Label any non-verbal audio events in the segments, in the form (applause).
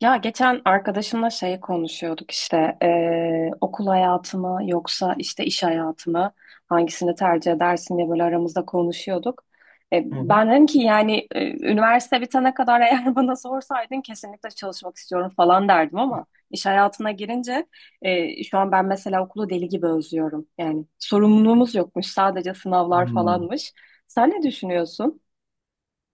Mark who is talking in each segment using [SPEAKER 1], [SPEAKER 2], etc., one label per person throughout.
[SPEAKER 1] Ya geçen arkadaşımla şey konuşuyorduk işte okul hayatımı yoksa işte iş hayatımı hangisini tercih edersin diye böyle aramızda konuşuyorduk.
[SPEAKER 2] Hı hı.
[SPEAKER 1] Ben dedim ki yani üniversite bitene kadar (laughs) eğer bana sorsaydın kesinlikle çalışmak istiyorum falan derdim ama iş hayatına girince şu an ben mesela okulu deli gibi özlüyorum. Yani sorumluluğumuz yokmuş sadece sınavlar
[SPEAKER 2] Hmm.
[SPEAKER 1] falanmış. Sen ne düşünüyorsun?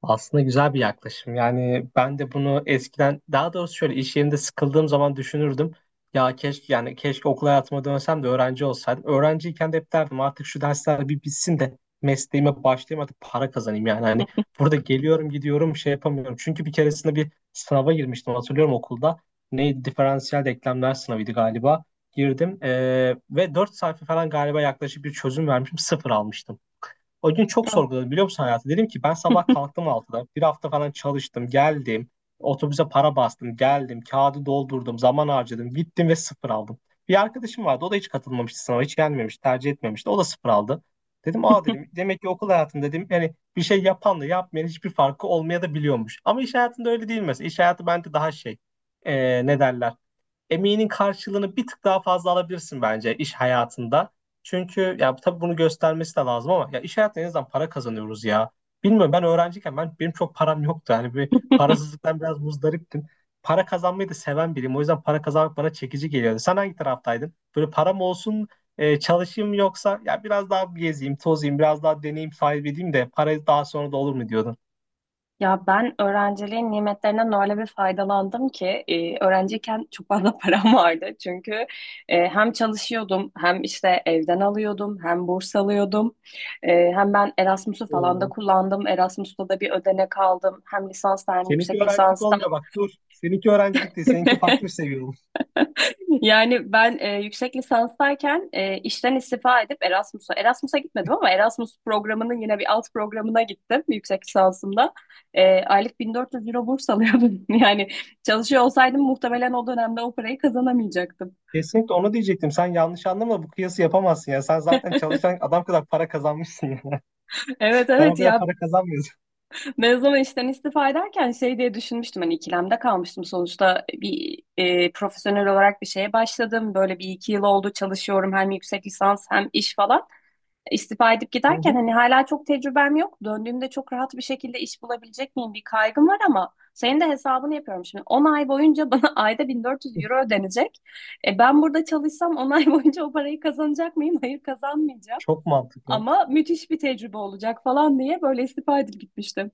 [SPEAKER 2] Aslında güzel bir yaklaşım. Yani ben de bunu eskiden daha doğrusu şöyle iş yerinde sıkıldığım zaman düşünürdüm. Ya keşke yani keşke okul hayatıma dönsem de öğrenci olsaydım. Öğrenciyken de hep derdim artık şu dersler bir bitsin de mesleğime başlayayım artık para kazanayım yani. Hani burada geliyorum gidiyorum şey yapamıyorum. Çünkü bir keresinde bir sınava girmiştim, hatırlıyorum, okulda. Neydi? Diferansiyel denklemler sınavıydı galiba. Girdim ve 4 sayfa falan galiba yaklaşık bir çözüm vermişim. Sıfır almıştım. O gün çok
[SPEAKER 1] Evet.
[SPEAKER 2] sorguladım, biliyor musun, hayatı? Dedim ki ben sabah kalktım altıda, bir hafta falan çalıştım, geldim. Otobüse para bastım, geldim. Kağıdı doldurdum, zaman harcadım. Gittim ve sıfır aldım. Bir arkadaşım vardı. O da hiç katılmamıştı sınava. Hiç gelmemiş, tercih etmemişti. O da sıfır aldı. Dedim aa dedim. Demek ki okul hayatında dedim yani bir şey yapanla yapmayan hiçbir farkı olmaya da biliyormuş. Ama iş hayatında öyle değil mesela. İş hayatı bence daha şey. Ne derler? Emeğinin karşılığını bir tık daha fazla alabilirsin bence iş hayatında. Çünkü ya tabii bunu göstermesi de lazım ama ya iş hayatında en azından para kazanıyoruz ya. Bilmiyorum, ben öğrenciyken benim çok param yoktu. Hani bir
[SPEAKER 1] (laughs)
[SPEAKER 2] parasızlıktan biraz muzdariptim. Para kazanmayı da seven biriyim. O yüzden para kazanmak bana çekici geliyordu. Sen hangi taraftaydın? Böyle param olsun çalışayım yoksa ya biraz daha gezeyim, tozayım, biraz daha deneyim sahibi edeyim de para daha sonra da olur mu diyordun?
[SPEAKER 1] Ya ben öğrenciliğin nimetlerinden öyle bir faydalandım ki öğrenciyken çok fazla (laughs) param vardı. Çünkü hem çalışıyordum hem işte evden alıyordum hem burs alıyordum. Hem ben Erasmus'u falan da
[SPEAKER 2] Oo.
[SPEAKER 1] kullandım. Erasmus'ta da bir ödenek aldım. Hem lisansta hem
[SPEAKER 2] Seninki
[SPEAKER 1] yüksek
[SPEAKER 2] öğrencilik
[SPEAKER 1] lisansta.
[SPEAKER 2] olmuyor, bak dur. Seninki öğrencilik değil. Seninki farklı bir
[SPEAKER 1] (laughs)
[SPEAKER 2] seviye.
[SPEAKER 1] Yani ben yüksek lisanstayken işten istifa edip Erasmus'a gitmedim ama Erasmus programının yine bir alt programına gittim yüksek lisansımda. Aylık 1.400 euro burs alıyordum. (laughs) Yani çalışıyor olsaydım muhtemelen o dönemde o parayı kazanamayacaktım.
[SPEAKER 2] Kesinlikle onu diyecektim. Sen yanlış anlama, bu kıyası yapamazsın ya. Sen zaten çalışan adam kadar para kazanmışsın ya. (laughs)
[SPEAKER 1] Evet,
[SPEAKER 2] Ben o
[SPEAKER 1] evet
[SPEAKER 2] kadar
[SPEAKER 1] ya
[SPEAKER 2] para kazanmıyorum.
[SPEAKER 1] mezun işten istifa ederken şey diye düşünmüştüm hani ikilemde kalmıştım sonuçta bir profesyonel olarak bir şeye başladım. Böyle bir iki yıl oldu çalışıyorum hem yüksek lisans hem iş falan. İstifa edip
[SPEAKER 2] (laughs) Hı
[SPEAKER 1] giderken
[SPEAKER 2] hı.
[SPEAKER 1] hani hala çok tecrübem yok. Döndüğümde çok rahat bir şekilde iş bulabilecek miyim bir kaygım var ama senin de hesabını yapıyorum şimdi. 10 ay boyunca bana (laughs) ayda 1.400 euro ödenecek. E ben burada çalışsam 10 ay boyunca o parayı kazanacak mıyım? (laughs) Hayır kazanmayacağım.
[SPEAKER 2] Çok mantıklı.
[SPEAKER 1] Ama müthiş bir tecrübe olacak falan diye böyle istifa edip gitmiştim.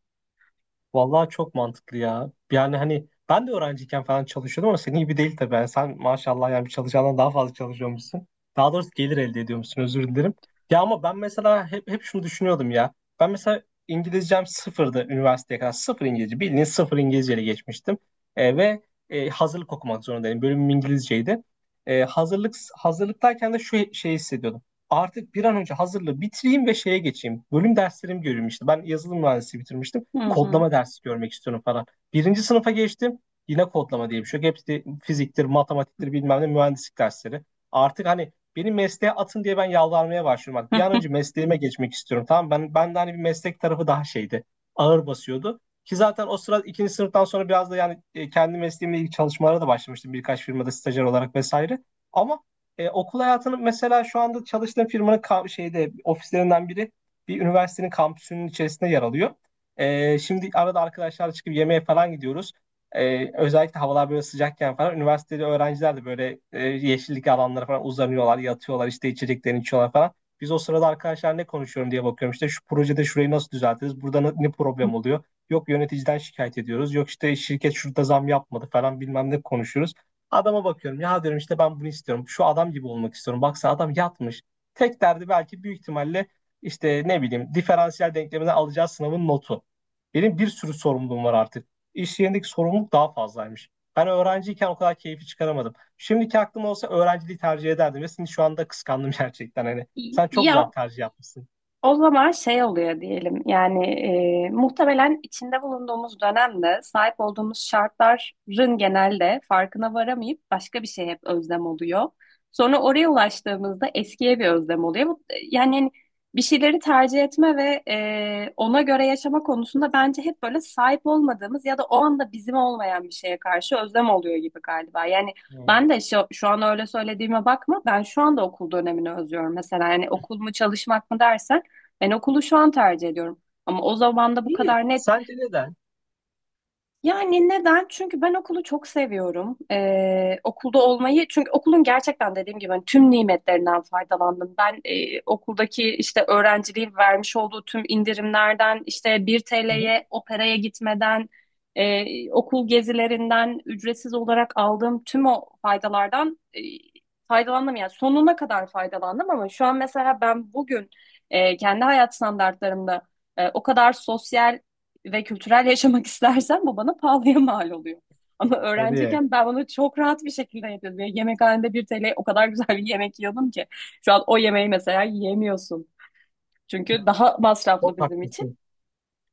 [SPEAKER 2] Vallahi çok mantıklı ya. Yani hani ben de öğrenciyken falan çalışıyordum ama senin gibi değil tabii. Yani sen maşallah yani bir çalışandan daha fazla çalışıyormuşsun. Daha doğrusu gelir elde ediyormuşsun, özür dilerim. Ya ama ben mesela hep şunu düşünüyordum ya. Ben mesela İngilizcem sıfırdı üniversiteye kadar. Sıfır İngilizce. Bildiğin sıfır İngilizceyle geçmiştim. E, ve Hazırlık okumak zorundaydım. Bölümüm İngilizceydi. E, hazırlıktayken de şu şeyi hissediyordum. Artık bir an önce hazırlığı bitireyim ve şeye geçeyim. Bölüm derslerimi görüyorum işte. Ben yazılım mühendisliği bitirmiştim,
[SPEAKER 1] Hı hı.
[SPEAKER 2] kodlama dersi görmek istiyorum falan. Birinci sınıfa geçtim. Yine kodlama diye bir şey yok. Hepsi fiziktir, matematiktir, bilmem ne mühendislik dersleri. Artık hani beni mesleğe atın diye ben yalvarmaya başlıyorum. Bak, bir an önce
[SPEAKER 1] (laughs)
[SPEAKER 2] mesleğime geçmek istiyorum. Tamam, ben de hani bir meslek tarafı daha şeydi. Ağır basıyordu. Ki zaten o sırada ikinci sınıftan sonra biraz da yani kendi mesleğimle ilgili çalışmalara da başlamıştım. Birkaç firmada stajyer olarak vesaire. Ama okul hayatının mesela şu anda çalıştığım firmanın şeyde ofislerinden biri bir üniversitenin kampüsünün içerisinde yer alıyor. Şimdi arada arkadaşlarla çıkıp yemeğe falan gidiyoruz. Özellikle havalar böyle sıcakken falan üniversitede öğrenciler de böyle yeşillik alanlara falan uzanıyorlar, yatıyorlar, işte içeceklerini içiyorlar falan. Biz o sırada arkadaşlar ne konuşuyorum diye bakıyorum, işte şu projede şurayı nasıl düzeltiriz, burada ne problem oluyor. Yok yöneticiden şikayet ediyoruz, yok işte şirket şurada zam yapmadı falan bilmem ne konuşuyoruz. Adama bakıyorum ya, diyorum işte ben bunu istiyorum, şu adam gibi olmak istiyorum. Baksana adam yatmış. Tek derdi belki büyük ihtimalle işte ne bileyim diferansiyel denklemden alacağı sınavın notu. Benim bir sürü sorumluluğum var artık. İş yerindeki sorumluluk daha fazlaymış. Ben öğrenciyken o kadar keyfi çıkaramadım. Şimdiki aklım olsa öğrenciliği tercih ederdim ve seni şu anda kıskandım (laughs) gerçekten. Hani sen çok güzel bir
[SPEAKER 1] Ya,
[SPEAKER 2] tercih yapmışsın.
[SPEAKER 1] o zaman şey oluyor diyelim yani muhtemelen içinde bulunduğumuz dönemde sahip olduğumuz şartların genelde farkına varamayıp başka bir şey hep özlem oluyor. Sonra oraya ulaştığımızda eskiye bir özlem oluyor. Yani hani bir şeyleri tercih etme ve ona göre yaşama konusunda bence hep böyle sahip olmadığımız ya da o anda bizim olmayan bir şeye karşı özlem oluyor gibi galiba. Yani ben
[SPEAKER 2] Hmm.
[SPEAKER 1] de şu an öyle söylediğime bakma, ben şu anda okul dönemini özlüyorum mesela. Yani okul mu çalışmak mı dersen ben okulu şu an tercih ediyorum. Ama o zaman da bu kadar
[SPEAKER 2] İyi.
[SPEAKER 1] net
[SPEAKER 2] Sence neden?
[SPEAKER 1] yani neden? Çünkü ben okulu çok seviyorum. Okulda olmayı, çünkü okulun gerçekten dediğim gibi hani tüm nimetlerinden faydalandım. Ben okuldaki işte öğrenciliğin vermiş olduğu tüm indirimlerden, işte 1
[SPEAKER 2] Hı hı.
[SPEAKER 1] TL'ye operaya gitmeden, okul gezilerinden ücretsiz olarak aldığım tüm o faydalardan faydalandım. Yani sonuna kadar faydalandım ama şu an mesela ben bugün kendi hayat standartlarımda o kadar sosyal ve kültürel yaşamak (laughs) istersen bu bana pahalıya mal oluyor. Ama
[SPEAKER 2] Evet, tabii.
[SPEAKER 1] öğrenciyken ben bunu çok rahat bir şekilde yedim. Ve yemekhanede 1 TL o kadar (laughs) güzel bir yemek yiyordum ki. Şu an o yemeği mesela yiyemiyorsun. Çünkü
[SPEAKER 2] Ya,
[SPEAKER 1] daha masraflı
[SPEAKER 2] çok
[SPEAKER 1] bizim için.
[SPEAKER 2] haklısın.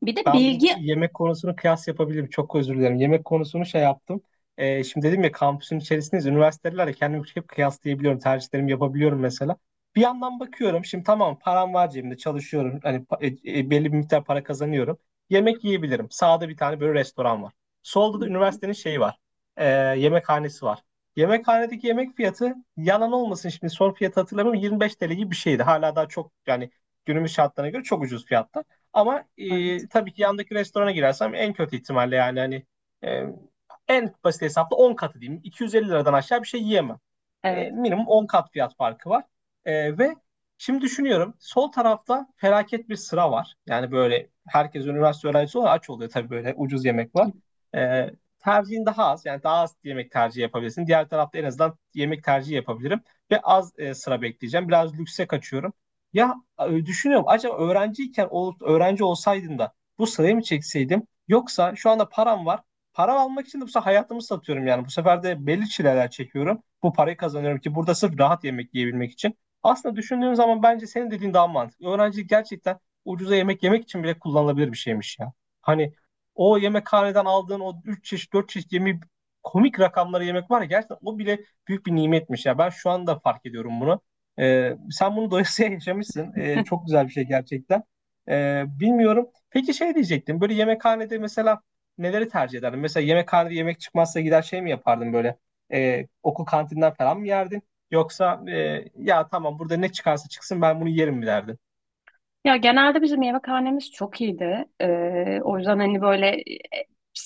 [SPEAKER 1] Bir de
[SPEAKER 2] Ben bu
[SPEAKER 1] bilgi...
[SPEAKER 2] yemek konusunu kıyas yapabilirim. Çok özür dilerim. Yemek konusunu şey yaptım. Şimdi dedim ya kampüsün içerisindeyiz. Üniversitelerle kendimi hep kıyaslayabiliyorum. Tercihlerimi yapabiliyorum mesela. Bir yandan bakıyorum. Şimdi tamam, param var cebimde. Çalışıyorum. Hani belli bir miktar para kazanıyorum. Yemek yiyebilirim. Sağda bir tane böyle restoran var. Solda da üniversitenin şeyi var. Ee, Yemekhanesi var. Yemekhanedeki yemek fiyatı, yalan olmasın, şimdi son fiyatı hatırlamıyorum, 25 TL gibi bir şeydi. Hala daha çok yani günümüz şartlarına göre çok ucuz fiyatta. Ama
[SPEAKER 1] Evet,
[SPEAKER 2] tabii ki yandaki restorana girersem en kötü ihtimalle yani hani e, en basit hesapla 10 katı diyeyim. 250 liradan aşağı bir şey yiyemem. E,
[SPEAKER 1] evet.
[SPEAKER 2] minimum 10 kat fiyat farkı var. E, ve şimdi düşünüyorum, sol tarafta felaket bir sıra var. Yani böyle herkes üniversite öğrencisi olarak aç oluyor tabii, böyle ucuz yemek var. E, Tercihin daha az, yani daha az yemek tercihi yapabilirsin. Diğer tarafta en azından yemek tercihi yapabilirim ve az sıra bekleyeceğim. Biraz lükse kaçıyorum. Ya düşünüyorum, acaba öğrenciyken öğrenci olsaydım da bu sırayı mı çekseydim, yoksa şu anda param var. Para almak için de bu sefer hayatımı satıyorum yani. Bu sefer de belli çileler çekiyorum. Bu parayı kazanıyorum ki burada sırf rahat yemek yiyebilmek için. Aslında düşündüğüm zaman bence senin dediğin daha mantıklı. Öğrencilik gerçekten ucuza yemek yemek için bile kullanılabilir bir şeymiş ya. Hani o yemekhaneden aldığın o 3 çeşit 4 çeşit yemeği, komik rakamları yemek var ya gerçekten, o bile büyük bir nimetmiş ya. Ben şu anda fark ediyorum bunu. Sen bunu doyasıya (laughs) yaşamışsın. Çok güzel bir şey gerçekten. Bilmiyorum. Peki şey diyecektim. Böyle yemekhanede mesela neleri tercih ederdin? Mesela yemekhanede yemek çıkmazsa gider şey mi yapardın böyle? Okul kantinden falan mı yerdin? Yoksa ya tamam burada ne çıkarsa çıksın ben bunu yerim mi derdin?
[SPEAKER 1] Ya genelde bizim yemekhanemiz çok iyiydi. O yüzden hani böyle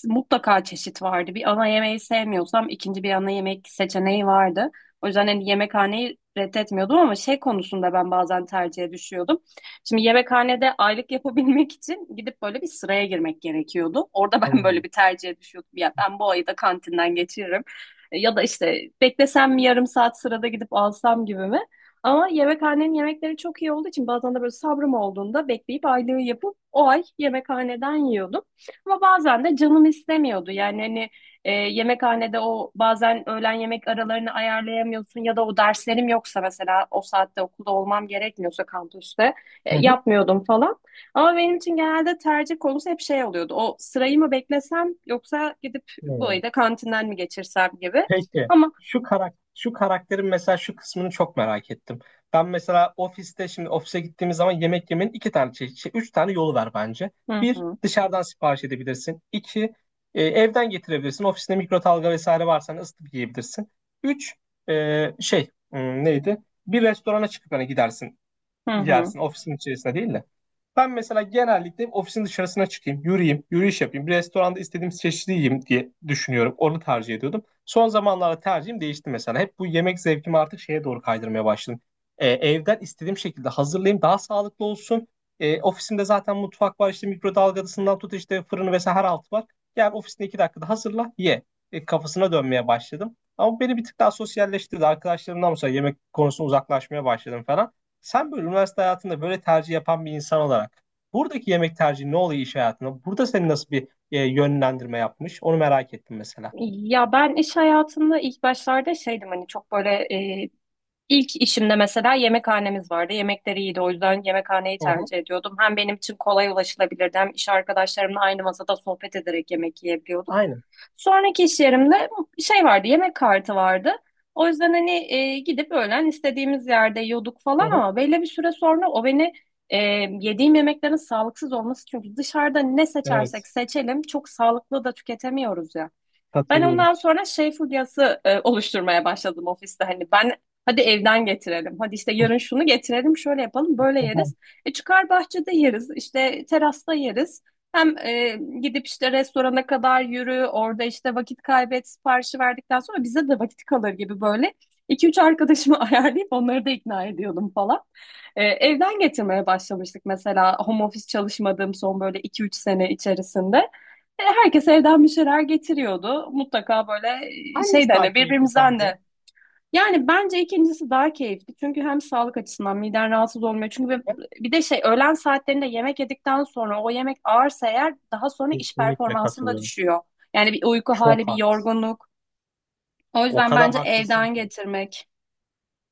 [SPEAKER 1] mutlaka çeşit vardı. Bir ana yemeği sevmiyorsam ikinci bir ana yemek seçeneği vardı. O yüzden hani yemekhaneyi reddetmiyordum ama şey konusunda ben bazen tercihe düşüyordum. Şimdi yemekhanede aylık yapabilmek için gidip böyle bir sıraya girmek gerekiyordu. Orada (laughs) ben
[SPEAKER 2] Hmm.
[SPEAKER 1] böyle bir tercihe düşüyordum. Ya ben bu ayı da kantinden geçiririm. Ya da işte beklesem mi yarım saat sırada gidip alsam gibi mi? Ama yemekhanenin yemekleri çok iyi olduğu için bazen de böyle sabrım olduğunda bekleyip aylığı yapıp o ay yemekhaneden yiyordum. Ama bazen de canım istemiyordu. Yani hani yemekhanede o bazen öğlen yemek aralarını ayarlayamıyorsun, ya da o derslerim yoksa mesela o saatte okulda olmam gerekmiyorsa kampüste
[SPEAKER 2] Hı
[SPEAKER 1] yapmıyordum falan. Ama benim için genelde tercih konusu hep şey oluyordu. O sırayı mı beklesem yoksa gidip bu ayı
[SPEAKER 2] hı.
[SPEAKER 1] da kantinden mi geçirsem gibi.
[SPEAKER 2] Peki
[SPEAKER 1] Ama
[SPEAKER 2] şu karakterin mesela şu kısmını çok merak ettim. Ben mesela ofiste, şimdi ofise gittiğimiz zaman yemek yemenin iki tane şey, üç tane yolu var bence.
[SPEAKER 1] hı
[SPEAKER 2] Bir,
[SPEAKER 1] hı.
[SPEAKER 2] dışarıdan sipariş edebilirsin. İki, evden getirebilirsin. Ofisinde mikrodalga vesaire varsa hani ısıtıp yiyebilirsin. Üç, neydi? Bir restorana çıkıp hani gidersin,
[SPEAKER 1] Hı hı.
[SPEAKER 2] yersin, ofisin içerisinde değil de. Ben mesela genellikle ofisin dışarısına çıkayım, yürüyeyim, yürüyüş yapayım, bir restoranda istediğim çeşidi yiyeyim diye düşünüyorum. Onu tercih ediyordum. Son zamanlarda tercihim değişti mesela. Hep bu yemek zevkimi artık şeye doğru kaydırmaya başladım. Evden istediğim şekilde hazırlayayım, daha sağlıklı olsun. Ofisimde zaten mutfak var, işte mikrodalgasından tut, işte fırını vesaire her altı var. Yani ofisinde iki dakikada hazırla, ye. E, kafasına dönmeye başladım. Ama beni bir tık daha sosyalleştirdi. Arkadaşlarımdan mesela yemek konusunda uzaklaşmaya başladım falan. Sen böyle üniversite hayatında böyle tercih yapan bir insan olarak buradaki yemek tercihi ne oluyor iş hayatında? Burada seni nasıl bir yönlendirme yapmış? Onu merak ettim mesela.
[SPEAKER 1] Ya ben iş hayatında ilk başlarda şeydim hani çok böyle e, ilk işimde mesela yemekhanemiz vardı. Yemekleri iyiydi, o yüzden yemekhaneyi
[SPEAKER 2] Hı hı.
[SPEAKER 1] tercih ediyordum. Hem benim için kolay ulaşılabilirdi hem iş arkadaşlarımla aynı masada sohbet ederek yemek yiyebiliyorduk.
[SPEAKER 2] Aynen.
[SPEAKER 1] Sonraki iş yerimde şey vardı, yemek kartı vardı. O yüzden hani gidip öğlen istediğimiz yerde yiyorduk
[SPEAKER 2] Hı
[SPEAKER 1] falan,
[SPEAKER 2] hı.
[SPEAKER 1] ama belli bir süre sonra o beni e, yediğim yemeklerin sağlıksız olması, çünkü dışarıda ne seçersek
[SPEAKER 2] Evet.
[SPEAKER 1] seçelim çok sağlıklı da tüketemiyoruz ya. Ben
[SPEAKER 2] Katılıyorum.
[SPEAKER 1] ondan sonra şey furyası oluşturmaya başladım ofiste. Hani ben hadi evden getirelim. Hadi işte yarın şunu getirelim, şöyle yapalım, böyle yeriz.
[SPEAKER 2] (laughs)
[SPEAKER 1] E çıkar bahçede yeriz, işte terasta yeriz. Hem gidip işte restorana kadar yürü, orada işte vakit kaybet, siparişi verdikten sonra bize de vakit kalır gibi böyle. İki üç arkadaşımı (laughs) ayarlayıp onları da ikna ediyordum falan. E, evden getirmeye başlamıştık mesela home office çalışmadığım son böyle iki üç sene içerisinde. E, herkes evden bir şeyler getiriyordu. Mutlaka böyle
[SPEAKER 2] Hangisi
[SPEAKER 1] şeyden
[SPEAKER 2] daha
[SPEAKER 1] hani
[SPEAKER 2] keyifli
[SPEAKER 1] birbirimizden
[SPEAKER 2] sence?
[SPEAKER 1] de. Yani bence ikincisi daha keyifli. Çünkü hem sağlık açısından miden rahatsız olmuyor. Çünkü bir de şey, öğlen saatlerinde yemek yedikten sonra o yemek ağırsa eğer daha sonra iş
[SPEAKER 2] Kesinlikle
[SPEAKER 1] performansın da
[SPEAKER 2] katılıyorum.
[SPEAKER 1] düşüyor. Yani bir uyku hali,
[SPEAKER 2] Çok
[SPEAKER 1] bir
[SPEAKER 2] haklısın.
[SPEAKER 1] yorgunluk. O
[SPEAKER 2] O
[SPEAKER 1] yüzden
[SPEAKER 2] kadar
[SPEAKER 1] bence
[SPEAKER 2] haklısın
[SPEAKER 1] evden
[SPEAKER 2] ki.
[SPEAKER 1] getirmek.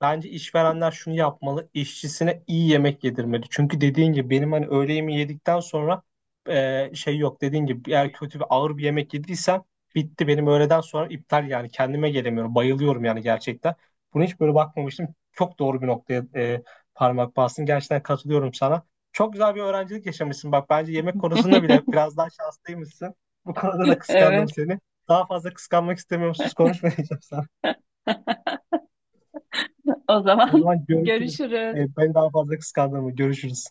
[SPEAKER 2] Bence işverenler şunu yapmalı, işçisine iyi yemek yedirmeli. Çünkü dediğin gibi benim hani öğle yemeği yedikten sonra şey yok. Dediğin gibi eğer kötü bir ağır bir yemek yediysem bitti, benim öğleden sonra iptal yani, kendime gelemiyorum. Bayılıyorum yani gerçekten. Bunu hiç böyle bakmamıştım. Çok doğru bir noktaya parmak bastın. Gerçekten katılıyorum sana. Çok güzel bir öğrencilik yaşamışsın. Bak bence yemek konusunda bile
[SPEAKER 1] (laughs)
[SPEAKER 2] biraz daha şanslıymışsın. Bu konuda da kıskandım
[SPEAKER 1] Evet,
[SPEAKER 2] seni. Daha fazla kıskanmak istemiyorum. Sus, konuşmayacağım sana.
[SPEAKER 1] o
[SPEAKER 2] O
[SPEAKER 1] zaman
[SPEAKER 2] zaman
[SPEAKER 1] (laughs)
[SPEAKER 2] görüşürüz.
[SPEAKER 1] görüşürüz.
[SPEAKER 2] Ben daha fazla kıskandırma. Görüşürüz.